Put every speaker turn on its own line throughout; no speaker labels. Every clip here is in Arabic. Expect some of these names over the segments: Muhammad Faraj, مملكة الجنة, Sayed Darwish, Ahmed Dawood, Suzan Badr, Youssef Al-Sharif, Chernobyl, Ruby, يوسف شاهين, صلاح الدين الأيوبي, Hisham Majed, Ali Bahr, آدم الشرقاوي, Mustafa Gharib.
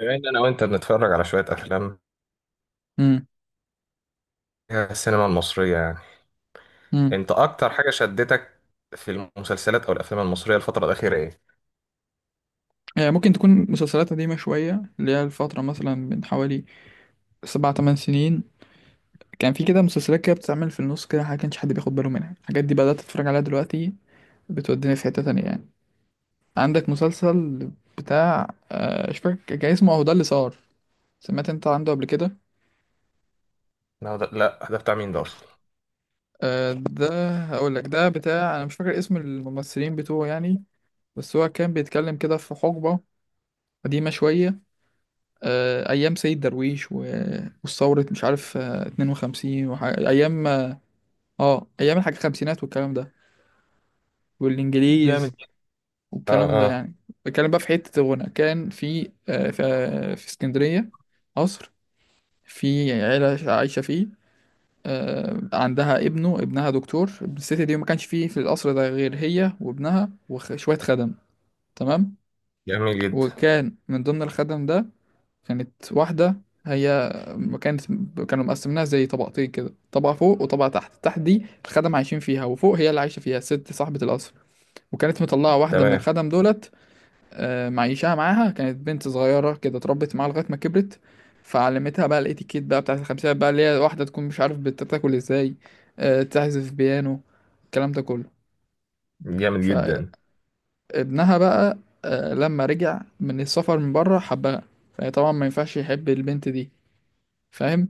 بما ان انا وانت بنتفرج على شويه افلام
امم
فيها السينما المصريه،
امم
انت اكتر حاجه شدتك في المسلسلات او الافلام المصريه الفتره الاخيره ايه؟
يعني ممكن تكون مسلسلات قديمة شوية، اللي هي الفترة مثلا من حوالي سبع تمن سنين. كان في كده مسلسلات كده بتتعمل في النص كده، ما كانش حد بياخد باله منها. الحاجات دي بدأت أتفرج عليها دلوقتي، بتوديني في حتة تانية يعني. عندك مسلسل بتاع مش فاكر كان اسمه. أهو ده اللي صار، سمعت أنت عنده قبل كده؟
لا ده بتاع مين ده اصلا؟
ده هقول لك، ده بتاع أنا مش فاكر اسم الممثلين بتوعه يعني. بس هو كان بيتكلم كده في حقبة قديمة شوية، ايام سيد درويش والثورة مش عارف، 52 ايام ايام الحاجة الخمسينات والكلام ده والانجليز
جامد. اه
والكلام ده
اه.
يعني. بتكلم بقى في حتة الغنى. كان في، في اسكندرية، قصر، في عيلة عايشة فيه. عندها ابنها دكتور، ابن الست دي. ما كانش فيه في القصر ده غير هي وابنها وشوية خدم، تمام.
جميل جدا.
وكان من ضمن الخدم ده كانت واحدة. هي كانت كانوا مقسمينها زي طبقتين كده، طبقة فوق وطبقة تحت. تحت دي الخدم عايشين فيها، وفوق هي اللي عايشة فيها الست صاحبة القصر. وكانت مطلعة واحدة من
تمام.
الخدم دولت، معيشاها معاها. كانت بنت صغيرة كده اتربت معاها لغاية ما كبرت. فعلمتها بقى الاتيكيت بقى بتاعت الخمسينات بقى، اللي هي واحدة تكون مش عارف بتاكل ازاي، تعزف بيانو، الكلام ده كله.
جامد جدا.
فابنها بقى، لما رجع من السفر من بره حبها. فطبعا ما ينفعش يحب البنت دي، فاهم.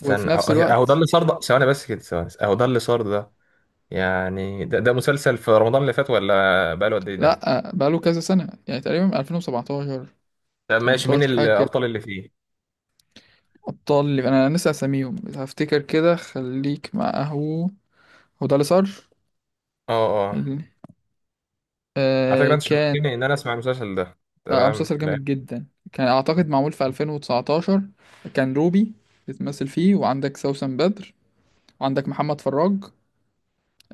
وفي
اهو
نفس
أهو ده
الوقت،
اللي صار ده، ثواني بس كده، ثواني، اهو ده اللي صار ده. يعني ده مسلسل في رمضان اللي فات ولا بقاله قد ايه ده؟
لا بقاله كذا سنة يعني، تقريبا من 2017
طب ماشي، مين
18 حاجة كده.
الابطال اللي فيه؟
أبطال اللي أنا لسه أساميهم هفتكر كده، خليك معه. هو ده اللي صار.
اه اه.
ال-
على فكره انت
كان
شوقتني ان انا اسمع المسلسل ده.
بقى
تمام.
مسلسل
لا
جامد جدا، كان أعتقد معمول في 2019. كان روبي بتمثل فيه، وعندك سوسن بدر، وعندك محمد فراج.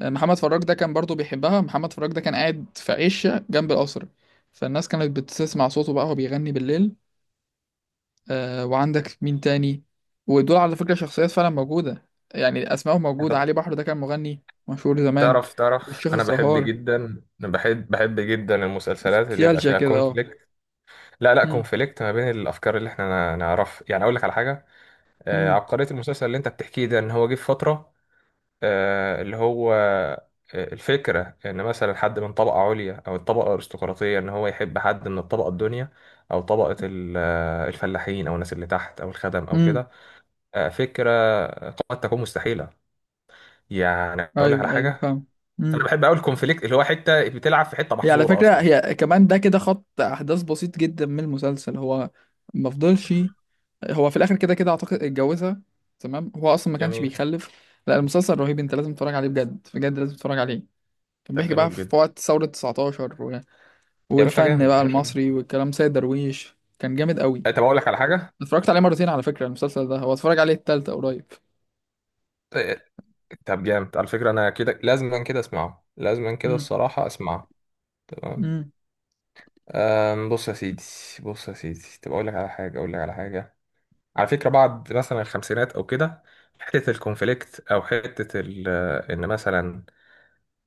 محمد فراج ده كان برضه بيحبها. محمد فراج ده كان قاعد في عشة جنب القصر، فالناس كانت بتسمع صوته بقى وهو بيغني بالليل. وعندك مين تاني؟ ودول على فكرة شخصيات فعلا موجودة يعني، أسمائهم موجودة.
انت
علي بحر ده كان مغني مشهور زمان،
تعرف،
والشيخ
انا بحب
الزهار.
جدا. أنا بحب جدا المسلسلات اللي يبقى
نوستالجيا
فيها
كده، اه.
كونفليكت. لا لا،
مم،
كونفليكت ما بين الافكار اللي احنا نعرف، يعني اقول لك على حاجه.
مم،
عبقريه المسلسل اللي انت بتحكيه ده ان هو جه في فتره آه، اللي هو آه، الفكره ان مثلا حد من طبقه عليا او الطبقه الارستقراطيه ان هو يحب حد من الطبقه الدنيا، او طبقه الفلاحين او الناس اللي تحت او الخدم او
مم.
كده. فكره قد تكون مستحيله. يعني اقول لك على
أيوه، أيوه،
حاجه،
فاهم.
انا
مم.
بحب قوي الكونفليكت اللي هو حته بتلعب في حته
هي على
محظوره
فكرة،
اصلا.
هي كمان ده كده خط أحداث بسيط جدا من المسلسل. هو ما فضلش، هو في الآخر كده كده أعتقد اتجوزها. تمام، هو أصلا ما كانش
جميل.
بيخلف. لا، المسلسل رهيب، أنت لازم تتفرج عليه بجد بجد، لازم تتفرج عليه. كان
طب
بيحكي بقى
جميل جدا.
في وقت ثورة 19،
يا باشا
والفن
جامد،
بقى
يا باشا جامد.
المصري والكلام. سيد درويش كان جامد قوي.
طب اقول لك على حاجه.
اتفرجت عليه مرتين على فكرة، المسلسل ده هو اتفرج عليه التالتة قريب.
أه، طب جامد على فكره، انا كده لازما كده اسمعه، لازما كده
امم
الصراحه اسمعه. تمام.
امم
بص يا سيدي، بص يا سيدي، طب اقول لك على حاجه، اقول لك على حاجه. على فكره بعد مثلا الخمسينات او كده، حته الكونفليكت او حته ان مثلا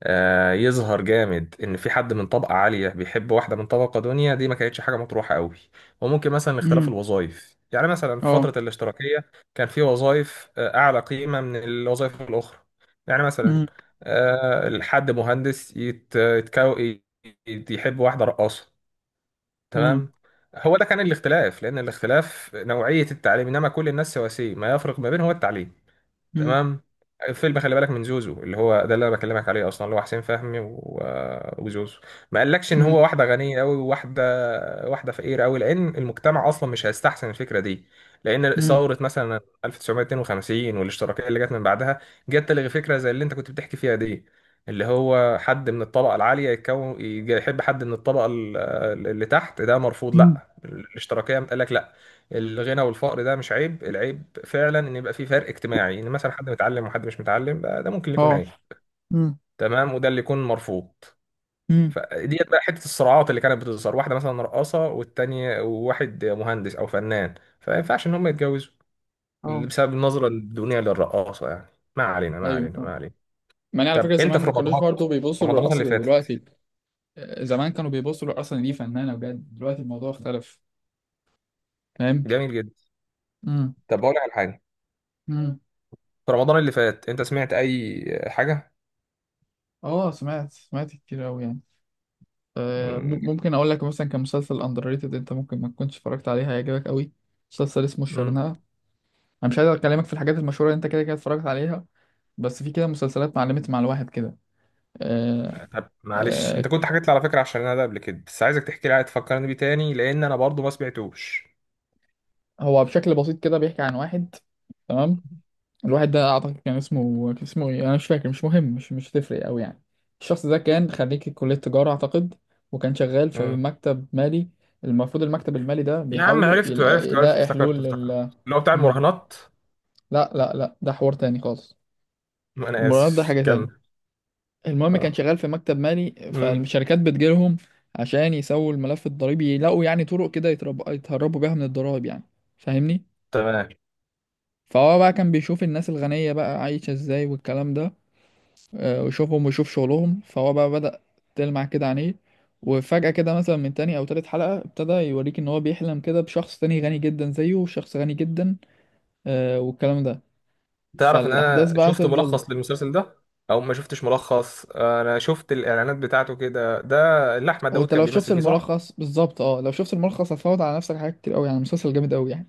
يظهر جامد ان في حد من طبقه عاليه بيحب واحده من طبقه دنيا، دي ما كانتش حاجه مطروحه قوي. وممكن مثلا اختلاف
امم
الوظائف، يعني مثلا في
اه.
فتره الاشتراكيه كان في وظائف اعلى قيمه من الوظائف الاخرى. يعني مثلا
امم
الحد مهندس يحب واحده رقاصه.
امم
تمام. هو ده كان الاختلاف، لان الاختلاف نوعيه التعليم، انما كل الناس سواسيه، ما يفرق ما بينهم هو التعليم.
امم
تمام. فيلم خلي بالك من زوزو اللي هو ده اللي انا بكلمك عليه اصلا، اللي هو حسين فهمي وزوزو، ما قالكش ان
امم
هو واحده غنيه قوي وواحده، واحده فقيره قوي، لان المجتمع اصلا مش هيستحسن الفكره دي. لان
امم
ثوره مثلا 1952 والاشتراكيه اللي جت من بعدها جت تلغي فكره زي اللي انت كنت بتحكي فيها دي، اللي هو حد من الطبقه العاليه يحب حد من الطبقه اللي تحت، ده مرفوض.
أمم.
لا الاشتراكيه قال لك لا، الغنى والفقر ده مش عيب، العيب فعلا ان يبقى في فرق اجتماعي، ان مثلا حد متعلم وحد مش متعلم بقى، ده ممكن يكون
اه.
عيب.
امم
تمام، وده اللي يكون مرفوض.
امم
فديت بقى حته الصراعات اللي كانت بتظهر، واحده مثلا رقاصه والتانيه، وواحد مهندس او فنان، فما ينفعش ان هم يتجوزوا
اه،
بسبب النظره الدونيه للرقاصه يعني. ما علينا، ما
ايوه،
علينا،
فاهم.
ما علينا.
يعني على
طب
فكرة،
انت في
زمان ما كانوش
رمضان،
برضه بيبصوا
رمضان
للرقص
اللي
زي
فاتت.
دلوقتي. زمان كانوا بيبصوا للرقص إن دي فنانة بجد. دلوقتي الموضوع اختلف، فاهم.
جميل جدا.
امم
طب بقول لك على حاجه،
امم
في رمضان اللي فات انت سمعت اي حاجه؟
اه، سمعت كتير قوي يعني. ممكن اقول لك مثلا كمسلسل اندر ريتد، انت ممكن ما تكونش اتفرجت عليه، هيعجبك قوي. مسلسل اسمه
امم.
الشرنقة. انا مش عايز اكلمك في الحاجات المشهوره اللي انت كده كده اتفرجت عليها، بس في كده مسلسلات معلمت مع الواحد كده. آه،
طب معلش انت
آه،
كنت حكيت لي على فكره، عشان انا ده قبل كده، بس عايزك تحكي لي عاد، تفكرني بيه تاني لان انا برضو ما سمعتوش.
هو بشكل بسيط كده بيحكي عن واحد، تمام. الواحد ده اعتقد كان اسمه، ايه، انا مش فاكر، مش مهم، مش هتفرق قوي يعني. الشخص ده كان خريج كليه تجاره اعتقد، وكان شغال في
مم.
مكتب مالي. المفروض المكتب المالي ده
يا عم
بيحاولوا
عرفت عرفت عرفت،
يلاقي
افتكرت
حلول
افتكرت،
لل.
اللي هو بتاع
مم.
المراهنات.
لا، لا، لا، ده حوار تاني خالص.
ما انا
المراهنات ده
اسف،
حاجة تاني.
كمل.
المهم كان
اه.
شغال في مكتب مالي،
مم.
فالشركات بتجيلهم عشان يسووا الملف الضريبي، يلاقوا يعني طرق كده يتهربوا بيها من الضرايب يعني، فاهمني.
تمام.
فهو بقى كان بيشوف الناس الغنية بقى عايشة ازاي والكلام ده، ويشوفهم ويشوف شغلهم. فهو بقى بدأ تلمع كده عينيه. وفجأة كده مثلا من تاني أو تالت حلقة، ابتدى يوريك إن هو بيحلم كده بشخص تاني غني جدا زيه، وشخص غني جدا، والكلام ده.
تعرف ان
فالأحداث
انا
بقى
شفت
تفضل.
ملخص للمسلسل ده، او ما شفتش ملخص، انا شفت الاعلانات بتاعته كده ده اللي احمد داوود
وانت
كان
لو شفت
بيمثل فيه، صح؟
الملخص بالظبط، اه، لو شفت الملخص هتفوت على نفسك حاجات كتير قوي يعني. مسلسل جامد قوي يعني،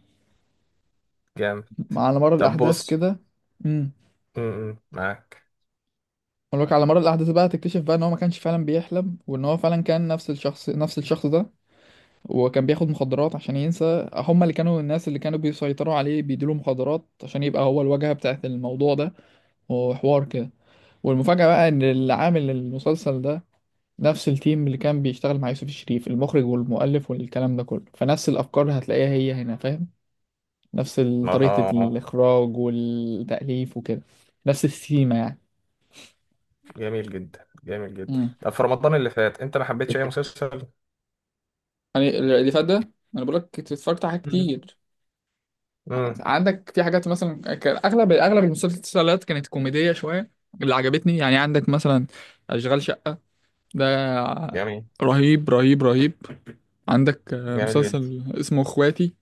جامد.
على مر
طب
الاحداث
بص.
كده. امم
مم، معاك.
ولك على مر الاحداث بقى هتكتشف بقى ان هو ما كانش فعلا بيحلم، وان هو فعلا كان نفس الشخص، نفس الشخص ده. وكان بياخد مخدرات عشان ينسى، هم اللي كانوا الناس اللي كانوا بيسيطروا عليه بيديله مخدرات عشان يبقى هو الواجهة بتاعت الموضوع ده وحوار كده. والمفاجأة بقى ان اللي عامل المسلسل ده نفس التيم اللي كان بيشتغل مع يوسف الشريف، المخرج والمؤلف والكلام ده كله. فنفس الافكار هتلاقيها هي هنا، فاهم. نفس طريقة
اه.
الإخراج والتأليف وكده، نفس السيما يعني.
جميل جدا، جميل جدا.
مم.
طب في رمضان اللي فات انت ما حبيتش اي مسلسل؟
يعني اللي فات ده، أنا بقول لك اتفرجت على حاجات
مم.
كتير.
مم.
عندك في حاجات مثلا، كان أغلب أغلب المسلسلات كانت كوميدية شوية. اللي عجبتني يعني، عندك مثلا أشغال شقة، ده
جميل.
رهيب، رهيب، رهيب. عندك
جميل جدا.
مسلسل اسمه اخواتي،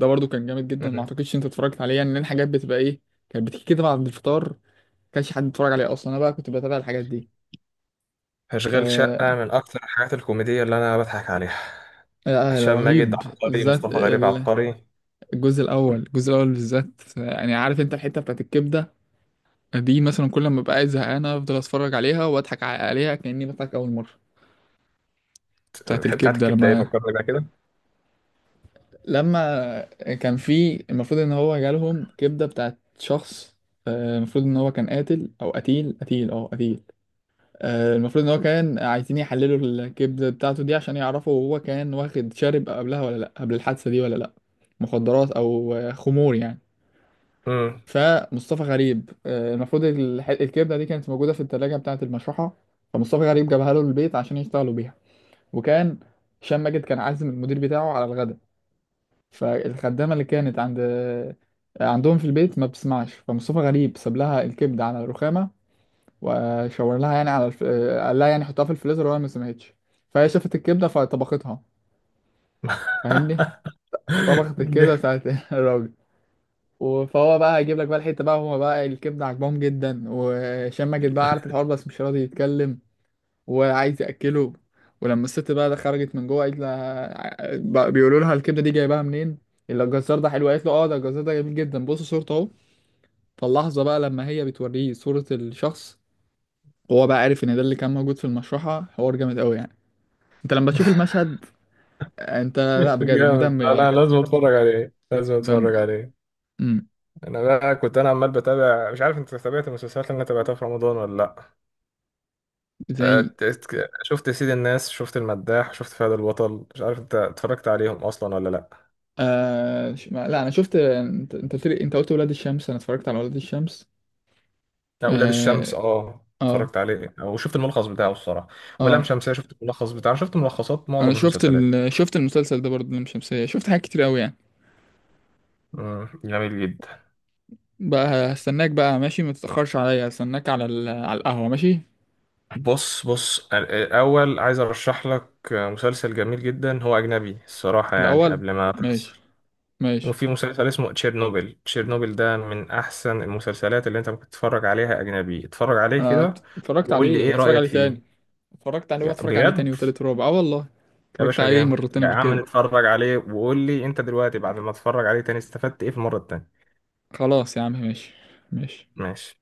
ده برضو كان جامد جدا، ما
مم.
اعتقدش انت اتفرجت عليه يعني، لان الحاجات بتبقى ايه؟ كانت بتيجي كده بعد الفطار، ما كانش حد بيتفرج عليها اصلا، انا بقى كنت بتابع الحاجات دي.
أشغال شقة
آه،
من أكتر الحاجات الكوميدية اللي أنا بضحك عليها.
لا، لا،
هشام ماجد
رهيب
عبقري،
بالذات،
مصطفى غريب عبقري.
الجزء الاول، الجزء الاول بالذات يعني. عارف انت الحته بتاعت الكبده، دي مثلا كل ما ببقى قاعد زهقان افضل اتفرج عليها واضحك عليها كاني بضحك اول مره. بتاعت
الحتة بتاعت
الكبده.
الكبدة إيه،
لما
فكرني بقى كده.
لما كان في المفروض ان هو جالهم كبده بتاعت شخص، المفروض ان هو كان قاتل او قتيل. المفروض ان هو كان عايزين يحللوا الكبده بتاعته دي عشان يعرفوا هو كان واخد شارب قبلها ولا لا، قبل الحادثه دي ولا لا، مخدرات او خمور يعني.
مم.
فمصطفى غريب، المفروض الكبده دي كانت موجوده في الثلاجه بتاعه المشرحه. فمصطفى غريب جابها له البيت عشان يشتغلوا بيها. وكان هشام ماجد كان عازم المدير بتاعه على الغداء. فالخدامه اللي كانت عندهم في البيت ما بتسمعش. فمصطفى غريب ساب لها الكبده على الرخامه، وشاور لها يعني على الف... آه، قال لها يعني حطها في الفريزر، وهي ما سمعتش. فهي شافت الكبده فطبختها، فاهمني. طبخت الكبده بتاعت الراجل. فهو بقى هيجيب لك بقى الحته بقى، هما بقى الكبده عاجبهم جدا، وهشام ماجد بقى عارف الحوار بس مش راضي يتكلم وعايز ياكله. ولما الست بقى ده خرجت من جوه، قالت لها بقى بيقولوا لها الكبده دي جايباها منين، اللي الجزار ده حلو. قالت له، اه، ده الجزار ده جميل جدا، بص صورته اهو. فاللحظه بقى لما هي بتوريه صوره الشخص، هو بقى عارف ان ده اللي كان موجود في المشرحه. حوار جامد قوي يعني. انت لما تشوف المشهد، انت لا بجد،
جامد.
مدمر
لا لا،
يعني،
لازم اتفرج عليه، لازم
مدمر.
اتفرج عليه.
امم
انا بقى كنت انا عمال بتابع، مش عارف انت تابعت المسلسلات اللي انا تابعتها في رمضان ولا لا.
زي
شفت سيد الناس، شفت المداح، شفت فهد البطل، مش عارف انت اتفرجت عليهم اصلا ولا لا.
لا، انا شفت، انت قلت لي، انت قلت ولاد الشمس. انا اتفرجت على ولاد الشمس،
اولاد الشمس
اه،
اه
اه،
اتفرجت عليه وشفت الملخص بتاعه الصراحه. ولام
آه.
شمسية شفت الملخص بتاعه، شفت ملخصات
انا
معظم
شفت
المسلسلات.
شفت المسلسل ده برضه، لام شمسية، شفت حاجات كتير قوي يعني.
مم، جميل جدا.
بقى هستناك بقى، ماشي، ما تتأخرش عليا، هستناك على على القهوة، ماشي.
بص بص، الاول عايز ارشح لك مسلسل جميل جدا، هو اجنبي الصراحه، يعني
الاول،
قبل ما
ماشي،
تفصل.
ماشي.
وفي مسلسل اسمه تشيرنوبل، تشيرنوبل ده من احسن المسلسلات اللي انت ممكن تتفرج عليها، اجنبي، اتفرج عليه
انا
كده
اتفرجت
وقول لي
عليه
ايه
وهتفرج
رايك
عليه تاني.
فيه.
اتفرجت عليه
يا-
وهتفرج عليه تاني
بجد
وتالت ورابع، اه والله.
يا
اتفرجت
باشا
عليه
جامد،
مرتين
يا
قبل
عم
كده.
نتفرج عليه وقول لي انت دلوقتي بعد ما اتفرج عليه تاني استفدت ايه في المره التانيه.
خلاص يا عم، ماشي، ماشي.
ماشي.